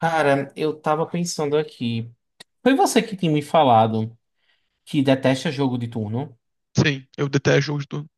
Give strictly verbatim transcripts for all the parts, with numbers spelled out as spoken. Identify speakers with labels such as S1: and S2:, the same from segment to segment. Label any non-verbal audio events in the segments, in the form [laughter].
S1: Cara, eu tava pensando aqui. Foi você que tinha me falado que detesta jogo de turno.
S2: Sim, eu detesto jogos de turno.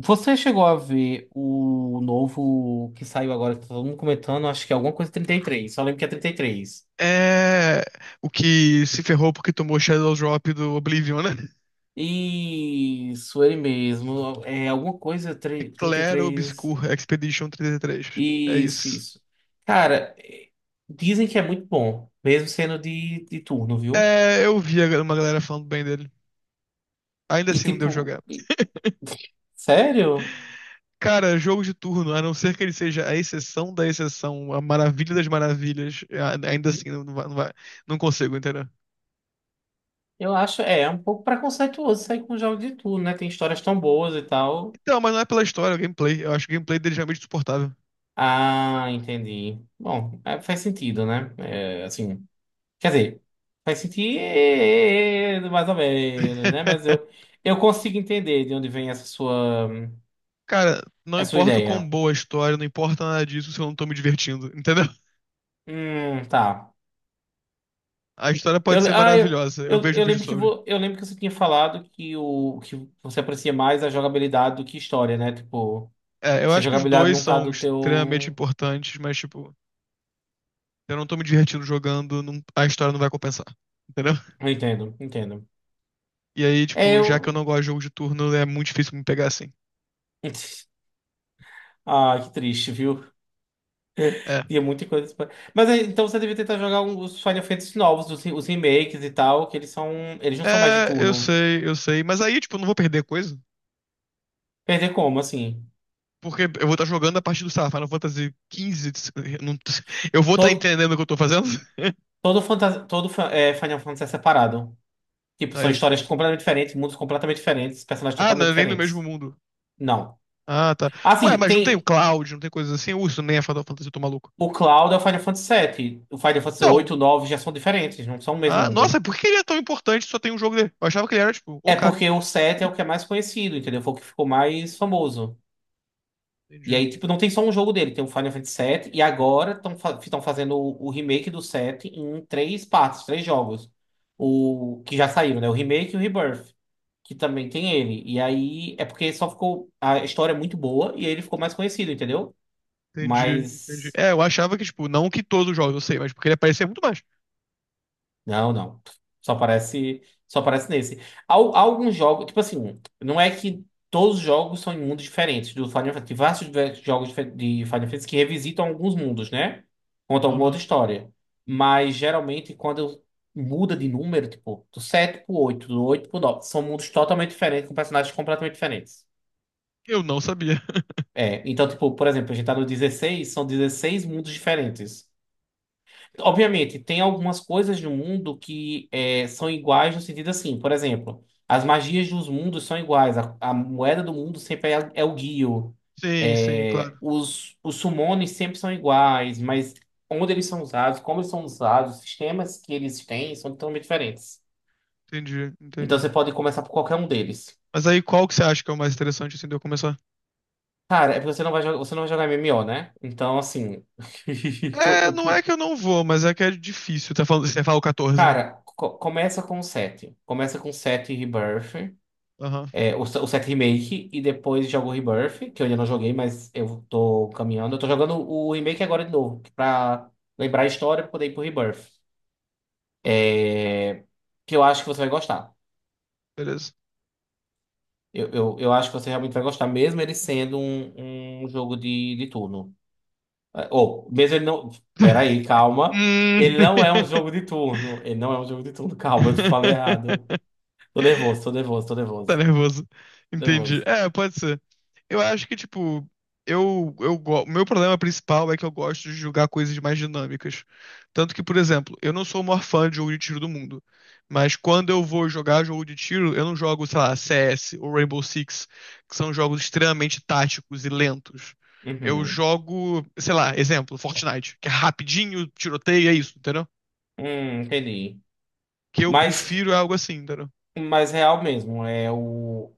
S1: Você chegou a ver o novo que saiu agora, que tá todo mundo comentando, acho que é alguma coisa trinta e três, só lembro que é trinta e três.
S2: É o que se ferrou porque tomou Shadow Drop do Oblivion, né? [laughs]
S1: Isso, ele mesmo. É alguma coisa
S2: É
S1: tri- trinta e
S2: Clair
S1: três
S2: Obscur Expedition trinta e três. É
S1: Isso,
S2: isso.
S1: isso. Cara, eh, dizem que é muito bom, mesmo sendo de, de turno, viu?
S2: É, eu vi a- uma galera falando bem dele. Ainda
S1: E
S2: assim não deu
S1: tipo,
S2: jogar.
S1: e- sério?
S2: Cara, jogo de turno, a não ser que ele seja a exceção da exceção, a maravilha das maravilhas, a- ainda assim não, não vai, não vai- não consigo, entendeu?
S1: Eu acho, é, é um pouco preconceituoso sair com um jogo de tudo, né? Tem histórias tão boas e tal.
S2: Então, mas não é pela história, é o gameplay. Eu acho o gameplay dele realmente suportável.
S1: Ah, entendi. Bom, é, faz sentido, né? É, assim, quer dizer, faz sentido mais ou menos, né? Mas
S2: [laughs]
S1: eu, eu consigo entender de onde vem essa sua,
S2: Cara, não
S1: essa sua
S2: importa o quão
S1: ideia.
S2: boa a história, não importa nada disso se eu não tô me divertindo, entendeu?
S1: Hum, tá.
S2: A história
S1: Eu,
S2: pode
S1: le-
S2: ser
S1: ah, eu,
S2: maravilhosa, eu
S1: eu,
S2: vejo um
S1: eu
S2: vídeo
S1: lembro que
S2: sobre.
S1: vo, eu lembro que você tinha falado que, o, que você aprecia mais a jogabilidade do que história, né? Tipo,
S2: É, eu
S1: se a
S2: acho que os
S1: jogabilidade
S2: dois
S1: não tá
S2: são
S1: do
S2: extremamente
S1: teu.
S2: importantes, mas, tipo, eu não tô me divertindo jogando, não- a história não vai compensar, entendeu?
S1: Eu entendo, entendo.
S2: E aí,
S1: É,
S2: tipo, já que eu
S1: eu.
S2: não gosto de jogo de turno, é muito difícil me pegar assim.
S1: [laughs] Ah, que triste, viu?
S2: É.
S1: Tinha muita coisa. pra- Mas é, então você devia tentar jogar um- os Final Fantasy novos, os, re- os remakes e tal, que eles são. Eles não são mais de
S2: É, eu
S1: turno.
S2: sei, eu sei, mas aí, tipo, eu não vou perder coisa.
S1: Perder como, assim?
S2: Porque eu vou estar jogando a partir do, sei lá, Final Fantasy quinze. De- eu não- [laughs] Eu vou estar
S1: Todo,
S2: entendendo o que eu tô fazendo? [laughs]
S1: todo, fanta- todo fa- é, Final Fantasy é separado. Tipo,
S2: Tá.
S1: são
S2: ele-
S1: histórias completamente diferentes, mundos completamente diferentes, personagens
S2: Ah, não,
S1: totalmente
S2: é nem no mesmo
S1: diferentes.
S2: mundo.
S1: Não.
S2: Ah, tá. Ué,
S1: Assim,
S2: mas não tem o
S1: tem.
S2: Cloud, não tem coisas assim? Uh, isso nem é Final Fantasy, eu tô maluco.
S1: O Cloud é o Final Fantasy sete. O Final Fantasy
S2: Não.
S1: oito e o nove já são diferentes, não são o mesmo
S2: Ah, nossa,
S1: mundo.
S2: por que ele é tão importante se só tem um jogo dele? Eu achava que ele era, tipo, o
S1: É
S2: cara.
S1: porque o sete é o que é mais conhecido, entendeu? Foi o que ficou mais famoso. E
S2: Entendi,
S1: aí, tipo, não tem só um jogo dele, tem o Final Fantasy sete, e agora estão fa tão fazendo o, o remake do sete em três partes, três jogos. O que já saíram, né? O remake e o Rebirth, que também tem ele. E aí, é porque só ficou. A história é muito boa e aí ele ficou mais conhecido, entendeu?
S2: entendi,
S1: Mas.
S2: entendi. É, eu achava que, tipo, não que todos os jogos, eu sei, mas porque ele aparecia muito mais.
S1: Não, não. Só aparece, só aparece nesse. Há, há alguns jogos, tipo assim, não é que todos os jogos são em mundos diferentes do Final Fantasy. Tem vários diver- jogos dife- de Final Fantasy que revisitam alguns mundos, né? Conta alguma
S2: Aham.
S1: outra história. Mas geralmente quando muda de número, tipo, do sete pro oito, do oito pro nove, são mundos totalmente diferentes, com personagens completamente diferentes.
S2: Eu não sabia. [laughs]
S1: É, então, tipo, por exemplo, a gente tá no dezesseis, são dezesseis mundos diferentes. Obviamente, tem algumas coisas do mundo que é, são iguais no sentido assim, por exemplo, as magias dos mundos são iguais, a, a moeda do mundo sempre é, é o Gyu,
S2: Sim, sim,
S1: é,
S2: claro.
S1: os, os summones sempre são iguais, mas onde eles são usados, como eles são usados, os sistemas que eles têm são totalmente diferentes.
S2: Entendi,
S1: Então
S2: entendi.
S1: você pode começar por qualquer um deles.
S2: Mas aí qual que você acha que é o mais interessante, assim, de eu começar?
S1: Cara, é porque você não vai, jo- você não vai jogar M M O, né? Então, assim. [laughs] que eu-
S2: É, não é
S1: eu-
S2: que eu não vou, mas é que é difícil. Tá falando, você fala o quatorze, né?
S1: Cara, co- começa com o sete. Começa com sete Rebirth.
S2: Aham,
S1: É, o, se- o sete Remake e depois jogo o Rebirth, que eu ainda não joguei, mas eu tô caminhando. Eu tô jogando o Remake agora de novo, pra lembrar a história pra poder ir pro Rebirth. É, que eu acho que você vai gostar.
S2: beleza.
S1: Eu, eu, eu acho que você realmente vai gostar, mesmo ele sendo um, um jogo de, de turno. É, ou, mesmo ele não.
S2: [laughs]
S1: Peraí, calma.
S2: Hum.
S1: Ele não é um jogo de turno. Ele não é um jogo de turno. [laughs] Calma, eu te falei errado.
S2: [laughs]
S1: Tô nervoso, tô nervoso, tô
S2: Tá
S1: nervoso.
S2: nervoso.
S1: Tô
S2: Entendi.
S1: nervoso.
S2: É, pode ser. Eu acho que, tipo, eu, eu, go- o meu problema principal é que eu gosto de jogar coisas mais dinâmicas. Tanto que, por exemplo, eu não sou o maior fã de jogo de tiro do mundo. Mas quando eu vou jogar jogo de tiro, eu não jogo, sei lá, C S ou Rainbow Six, que são jogos extremamente táticos e lentos. Eu
S1: Uhum.
S2: jogo, sei lá, exemplo, Fortnite, que é rapidinho, tiroteio, é isso, entendeu?
S1: Hum, entendi.
S2: Que eu
S1: Mas
S2: prefiro algo assim, entendeu?
S1: mais real mesmo. É o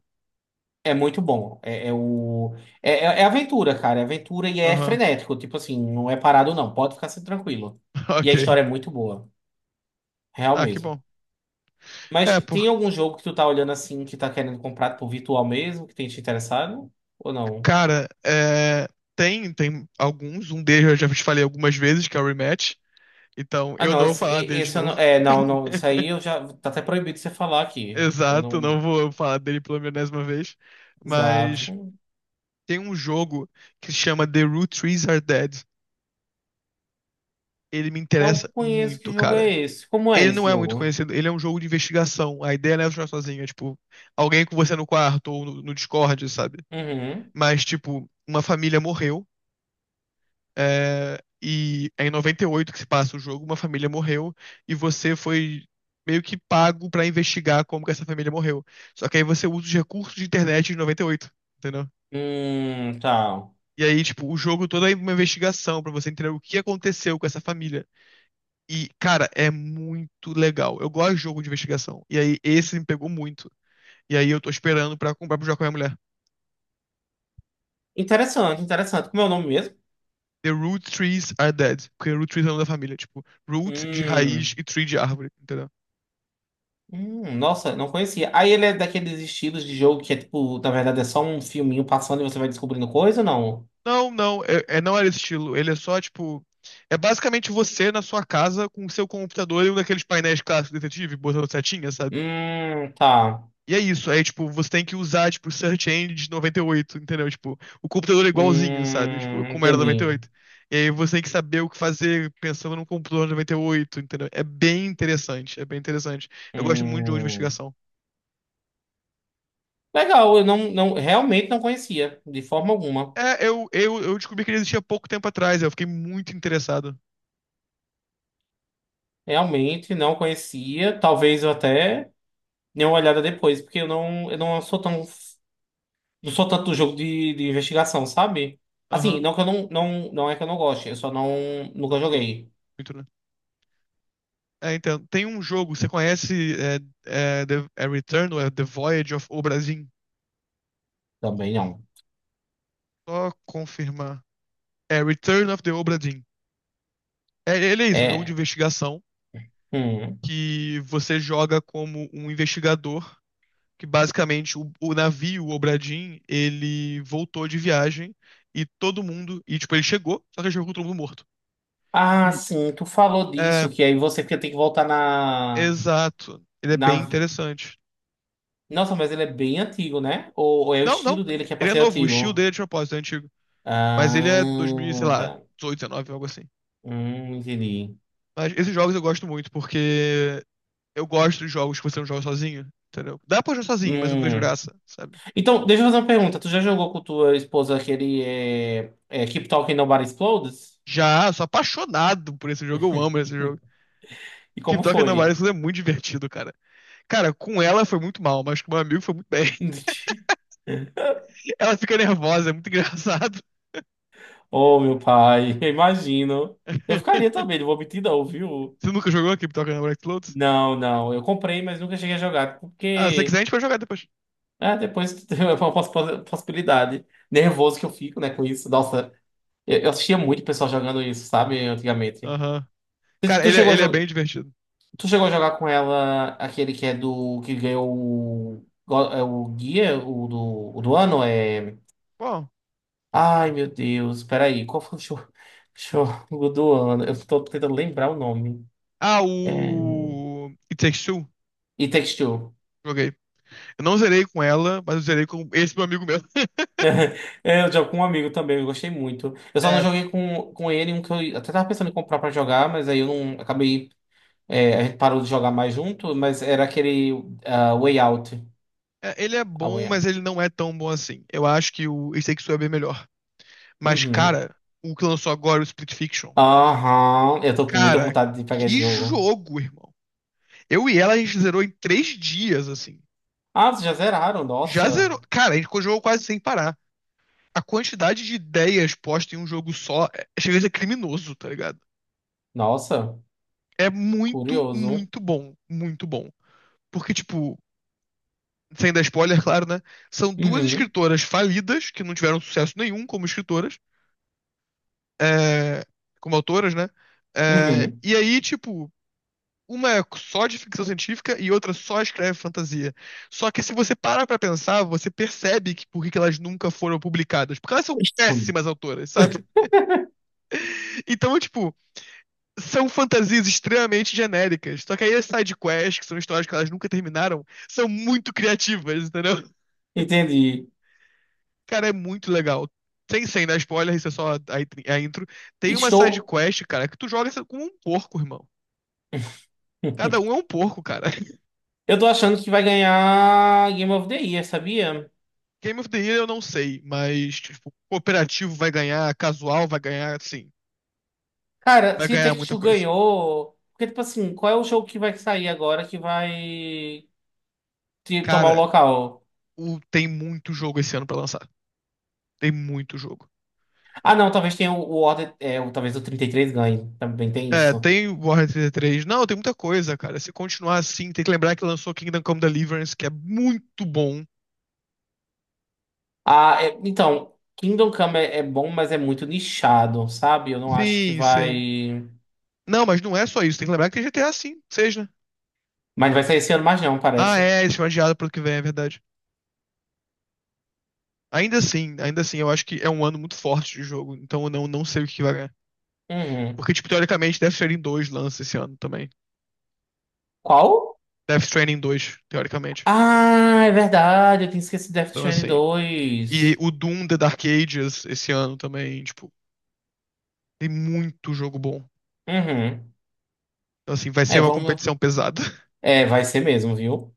S1: É muito bom. É, é o é, é é aventura, cara. É aventura e é
S2: Aham,
S1: frenético. Tipo assim, não é parado não. Pode ficar assim, tranquilo.
S2: [laughs]
S1: E a
S2: ok.
S1: história é muito boa, real
S2: Ah, que
S1: mesmo.
S2: bom. É,
S1: Mas tem algum jogo que tu tá olhando assim que tá querendo comprar por virtual mesmo que tem te interessado ou não?
S2: cara, é, tem, tem alguns. Um deles eu já te falei algumas vezes, que é o Rematch. Então,
S1: Ah,
S2: eu
S1: não,
S2: não vou
S1: esse,
S2: falar
S1: e-
S2: dele de
S1: esse eu não,
S2: novo.
S1: é, não, não, isso aí
S2: [laughs]
S1: eu já tá até proibido de você falar aqui. Eu
S2: Exato, não
S1: não,
S2: vou falar dele pela milésima vez. Mas
S1: exato.
S2: tem um jogo que se chama The Root Trees Are Dead. Ele me
S1: Não
S2: interessa
S1: conheço que
S2: muito,
S1: jogo é
S2: cara.
S1: esse. Como é
S2: Ele
S1: esse
S2: não é muito
S1: jogo?
S2: conhecido, ele é um jogo de investigação. A ideia não é jogar sozinha, tipo, alguém com você no quarto ou no, no Discord, sabe?
S1: Uhum.
S2: Mas, tipo, uma família morreu. É, e é em noventa e oito que se passa o jogo, uma família morreu e você foi meio que pago pra investigar como que essa família morreu. Só que aí você usa os recursos de internet de noventa e oito, entendeu?
S1: Hum, tá.
S2: E aí, tipo, o jogo todo é uma investigação pra você entender o que aconteceu com essa família. E, cara, é muito legal. Eu gosto de jogo de investigação. E aí, esse me pegou muito. E aí, eu tô esperando pra comprar pro jogo com a minha mulher.
S1: Interessante, interessante. Como é o nome mesmo?
S2: The Root Trees Are Dead. Porque root trees é o nome da família. Tipo, root de raiz
S1: Hum,
S2: e tree de árvore, entendeu?
S1: hum, nossa, não conhecia. Aí ele é daqueles estilos de jogo que é tipo, na verdade é só um filminho passando e você vai descobrindo coisa ou não?
S2: Não, não, é, é- não era esse estilo. Ele é só, tipo. É basicamente você na sua casa com o seu computador e um daqueles painéis clássicos do detetive, botando setinha, sabe?
S1: Hum, tá.
S2: E é isso. Aí, tipo, você tem que usar, tipo, Search Engine de noventa e oito, entendeu? Tipo, o computador é igualzinho, sabe? Tipo,
S1: Hum,
S2: como era
S1: entendi.
S2: noventa e oito. E oito. E aí você tem que saber o que fazer pensando num computador de noventa e oito, entendeu? É bem interessante, é bem interessante. Eu gosto muito de jogo de
S1: Hum,
S2: investigação.
S1: legal, eu não, não, realmente não conhecia, de forma alguma.
S2: É, eu, eu, eu descobri que ele existia pouco tempo atrás, eu fiquei muito interessado.
S1: Realmente não conhecia. Talvez eu até dê uma olhada depois, porque eu não, eu não sou tão Não sou tanto do jogo de, de investigação, sabe? Assim,
S2: Aham.
S1: não que eu não, não, não é que eu não goste, eu só não
S2: É
S1: nunca
S2: um jogo
S1: joguei.
S2: muito, né? É, então, tem um jogo, você conhece é, é, The, é Return ou é The Voyage of Obra Dinn?
S1: Também não.
S2: Só confirmar. É Return of the Obra Dinn. É, ele é isso, é um jogo de
S1: É.
S2: investigação
S1: Hum.
S2: que você joga como um investigador, que basicamente o, o navio, o Obra Dinn, ele voltou de viagem e todo mundo, e tipo, ele chegou, só que ele chegou com todo mundo morto.
S1: Ah,
S2: E,
S1: sim, tu falou disso,
S2: é,
S1: que aí você fica- tem que voltar na,
S2: exato, ele é bem
S1: na.
S2: interessante.
S1: Nossa, mas ele é bem antigo, né? Ou, ou é o
S2: Não,
S1: estilo
S2: não,
S1: dele que é pra
S2: ele é
S1: ser
S2: novo, o estilo
S1: antigo?
S2: dele é de propósito, é antigo. Mas ele é dois mil, sei
S1: Ah,
S2: lá,
S1: tá.
S2: dezoito, dezenove, algo assim.
S1: Hum, entendi.
S2: Mas esses jogos eu gosto muito, porque eu gosto de jogos que você não joga sozinho, entendeu? Dá pra jogar sozinho, mas eu não vejo
S1: Hum.
S2: graça, sabe?
S1: Então, deixa eu fazer uma pergunta. Tu já jogou com tua esposa aquele é, é, Keep Talking Nobody Explodes?
S2: Já, eu sou apaixonado por esse jogo, eu amo esse jogo.
S1: E
S2: Keep
S1: como
S2: Talking
S1: foi?
S2: Nobody Knows é muito divertido, cara. Cara, com ela foi muito mal, mas com meu amigo foi muito bem.
S1: [laughs]
S2: [laughs] Ela fica nervosa, é muito engraçado.
S1: Oh, meu pai, [laughs] eu imagino. Eu ficaria
S2: [laughs]
S1: também, não vou mentir não, viu?
S2: Você nunca jogou Keep Talking Nobody Knows?
S1: Não, não, eu comprei, mas nunca cheguei a jogar,
S2: Ah, se você quiser a
S1: porque
S2: gente vai jogar depois.
S1: ah, depois [laughs] é uma poss- possibilidade. Nervoso que eu fico, né, com isso. Nossa, eu, eu assistia muito o pessoal jogando isso, sabe, antigamente.
S2: Aham.
S1: Tu,
S2: Cara,
S1: tu
S2: ele, é-
S1: chegou a,
S2: ele é bem
S1: jo-
S2: divertido.
S1: tu chegou a jogar com ela aquele que é do, que ganhou o, go- é o guia, o do, o do ano é.
S2: Bom.
S1: Ai, meu Deus, peraí, qual foi o show [laughs] jogo do ano? Eu tô tentando lembrar o nome.
S2: Ah,
S1: É.
S2: o It Takes Two.
S1: E Takes Two.
S2: Joguei. Eu não zerei com ela, mas eu zerei com esse meu amigo meu. [laughs]
S1: [laughs] É, eu jogo com um amigo também, eu gostei muito. Eu só não
S2: É,
S1: joguei com, com ele, um que eu até tava pensando em comprar pra jogar, mas aí eu não acabei. É, a gente parou de jogar mais junto, mas era aquele ah, Way Out.
S2: é, ele é
S1: A
S2: bom,
S1: Way
S2: mas
S1: Out.
S2: ele não é tão bom assim. Eu acho que o It Takes Two é bem melhor. Mas,
S1: Uhum.
S2: cara, o que lançou agora, o Split Fiction.
S1: Aham. Eu tô com muita
S2: Cara,
S1: vontade de pegar esse
S2: que
S1: jogo.
S2: jogo, irmão. Eu e ela, a gente zerou em três dias, assim.
S1: Ah, vocês já zeraram?
S2: Já
S1: Nossa.
S2: zerou. Cara, a gente jogou quase sem parar. A quantidade de ideias postas em um jogo só é- chega a ser criminoso, tá ligado?
S1: Nossa.
S2: É muito,
S1: Curioso.
S2: muito bom. Muito bom. Porque, tipo, sem dar spoiler, [laughs] claro, né? São duas
S1: Uhum.
S2: escritoras falidas, que não tiveram sucesso nenhum como escritoras, é, como autoras, né? É,
S1: Uhum.
S2: e aí, tipo, uma é só de ficção científica e outra só escreve fantasia. Só que se você para pra pensar, você percebe que por que que elas nunca foram publicadas. Porque elas são
S1: [laughs] Hum.
S2: péssimas autoras, [laughs] sabe? Então, tipo, são fantasias extremamente genéricas. Só que aí as side quests, que são histórias que elas nunca terminaram, são muito criativas, entendeu?
S1: Entendi.
S2: Cara, é muito legal. Sem, sem dar spoiler, isso é só a, a, intro. Tem uma side
S1: Estou.
S2: quest, cara, que tu joga com um porco, irmão. Cada
S1: [laughs]
S2: um é um porco, cara. [laughs]
S1: Eu tô achando que vai ganhar Game of the Year, sabia?
S2: Game of the Year eu não sei, mas, tipo, cooperativo vai ganhar, casual vai ganhar, sim.
S1: Cara,
S2: Vai
S1: se
S2: ganhar muita
S1: Take-Two
S2: coisa.
S1: ganhou. Porque, tipo assim, qual é o jogo que vai sair agora que vai te- tomar o
S2: Cara,
S1: local?
S2: o, tem muito jogo esse ano pra lançar. Tem muito jogo.
S1: Ah, não, talvez tenha o, o Order. é, o- talvez o trinta e três ganhe. Também tem
S2: É,
S1: isso.
S2: tem Warhammer trinta e três. Não, tem muita coisa, cara. Se continuar assim, tem que lembrar que lançou Kingdom Come Deliverance, que é muito bom.
S1: Ah, é- então, Kingdom Come é, é bom, mas é muito nichado, sabe? Eu não acho que
S2: Sim, sim.
S1: vai.
S2: Não, mas não é só isso. Tem que lembrar que tem G T A V, seja.
S1: Mas não vai sair esse ano mais, não,
S2: Ah,
S1: parece.
S2: é, eles foi adiado pro ano que vem, é verdade. Ainda assim, ainda assim, eu acho que é um ano muito forte de jogo, então eu não, não sei o que vai ganhar. Porque,
S1: Uhum.
S2: tipo, teoricamente, Death Stranding dois lança esse ano também.
S1: Qual?
S2: Death Stranding dois teoricamente.
S1: Ah, é verdade, eu tinha esquecido Death
S2: Então,
S1: Stranding
S2: assim. E
S1: dois.
S2: o Doom The Dark Ages esse ano também, tipo, tem muito jogo bom.
S1: Uhum.
S2: Então, assim, vai ser
S1: É,
S2: uma
S1: vamos.
S2: competição pesada.
S1: É, vai ser mesmo, viu?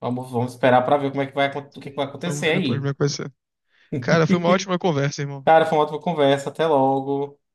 S1: Vamos, vamos esperar para ver como é que vai, acon- o
S2: [laughs]
S1: que é que vai
S2: Sim. Vamos
S1: acontecer
S2: ver depois
S1: aí.
S2: como é que vai ser. Cara, foi uma ótima conversa, irmão.
S1: Cara, foi uma ótima conversa. Até logo.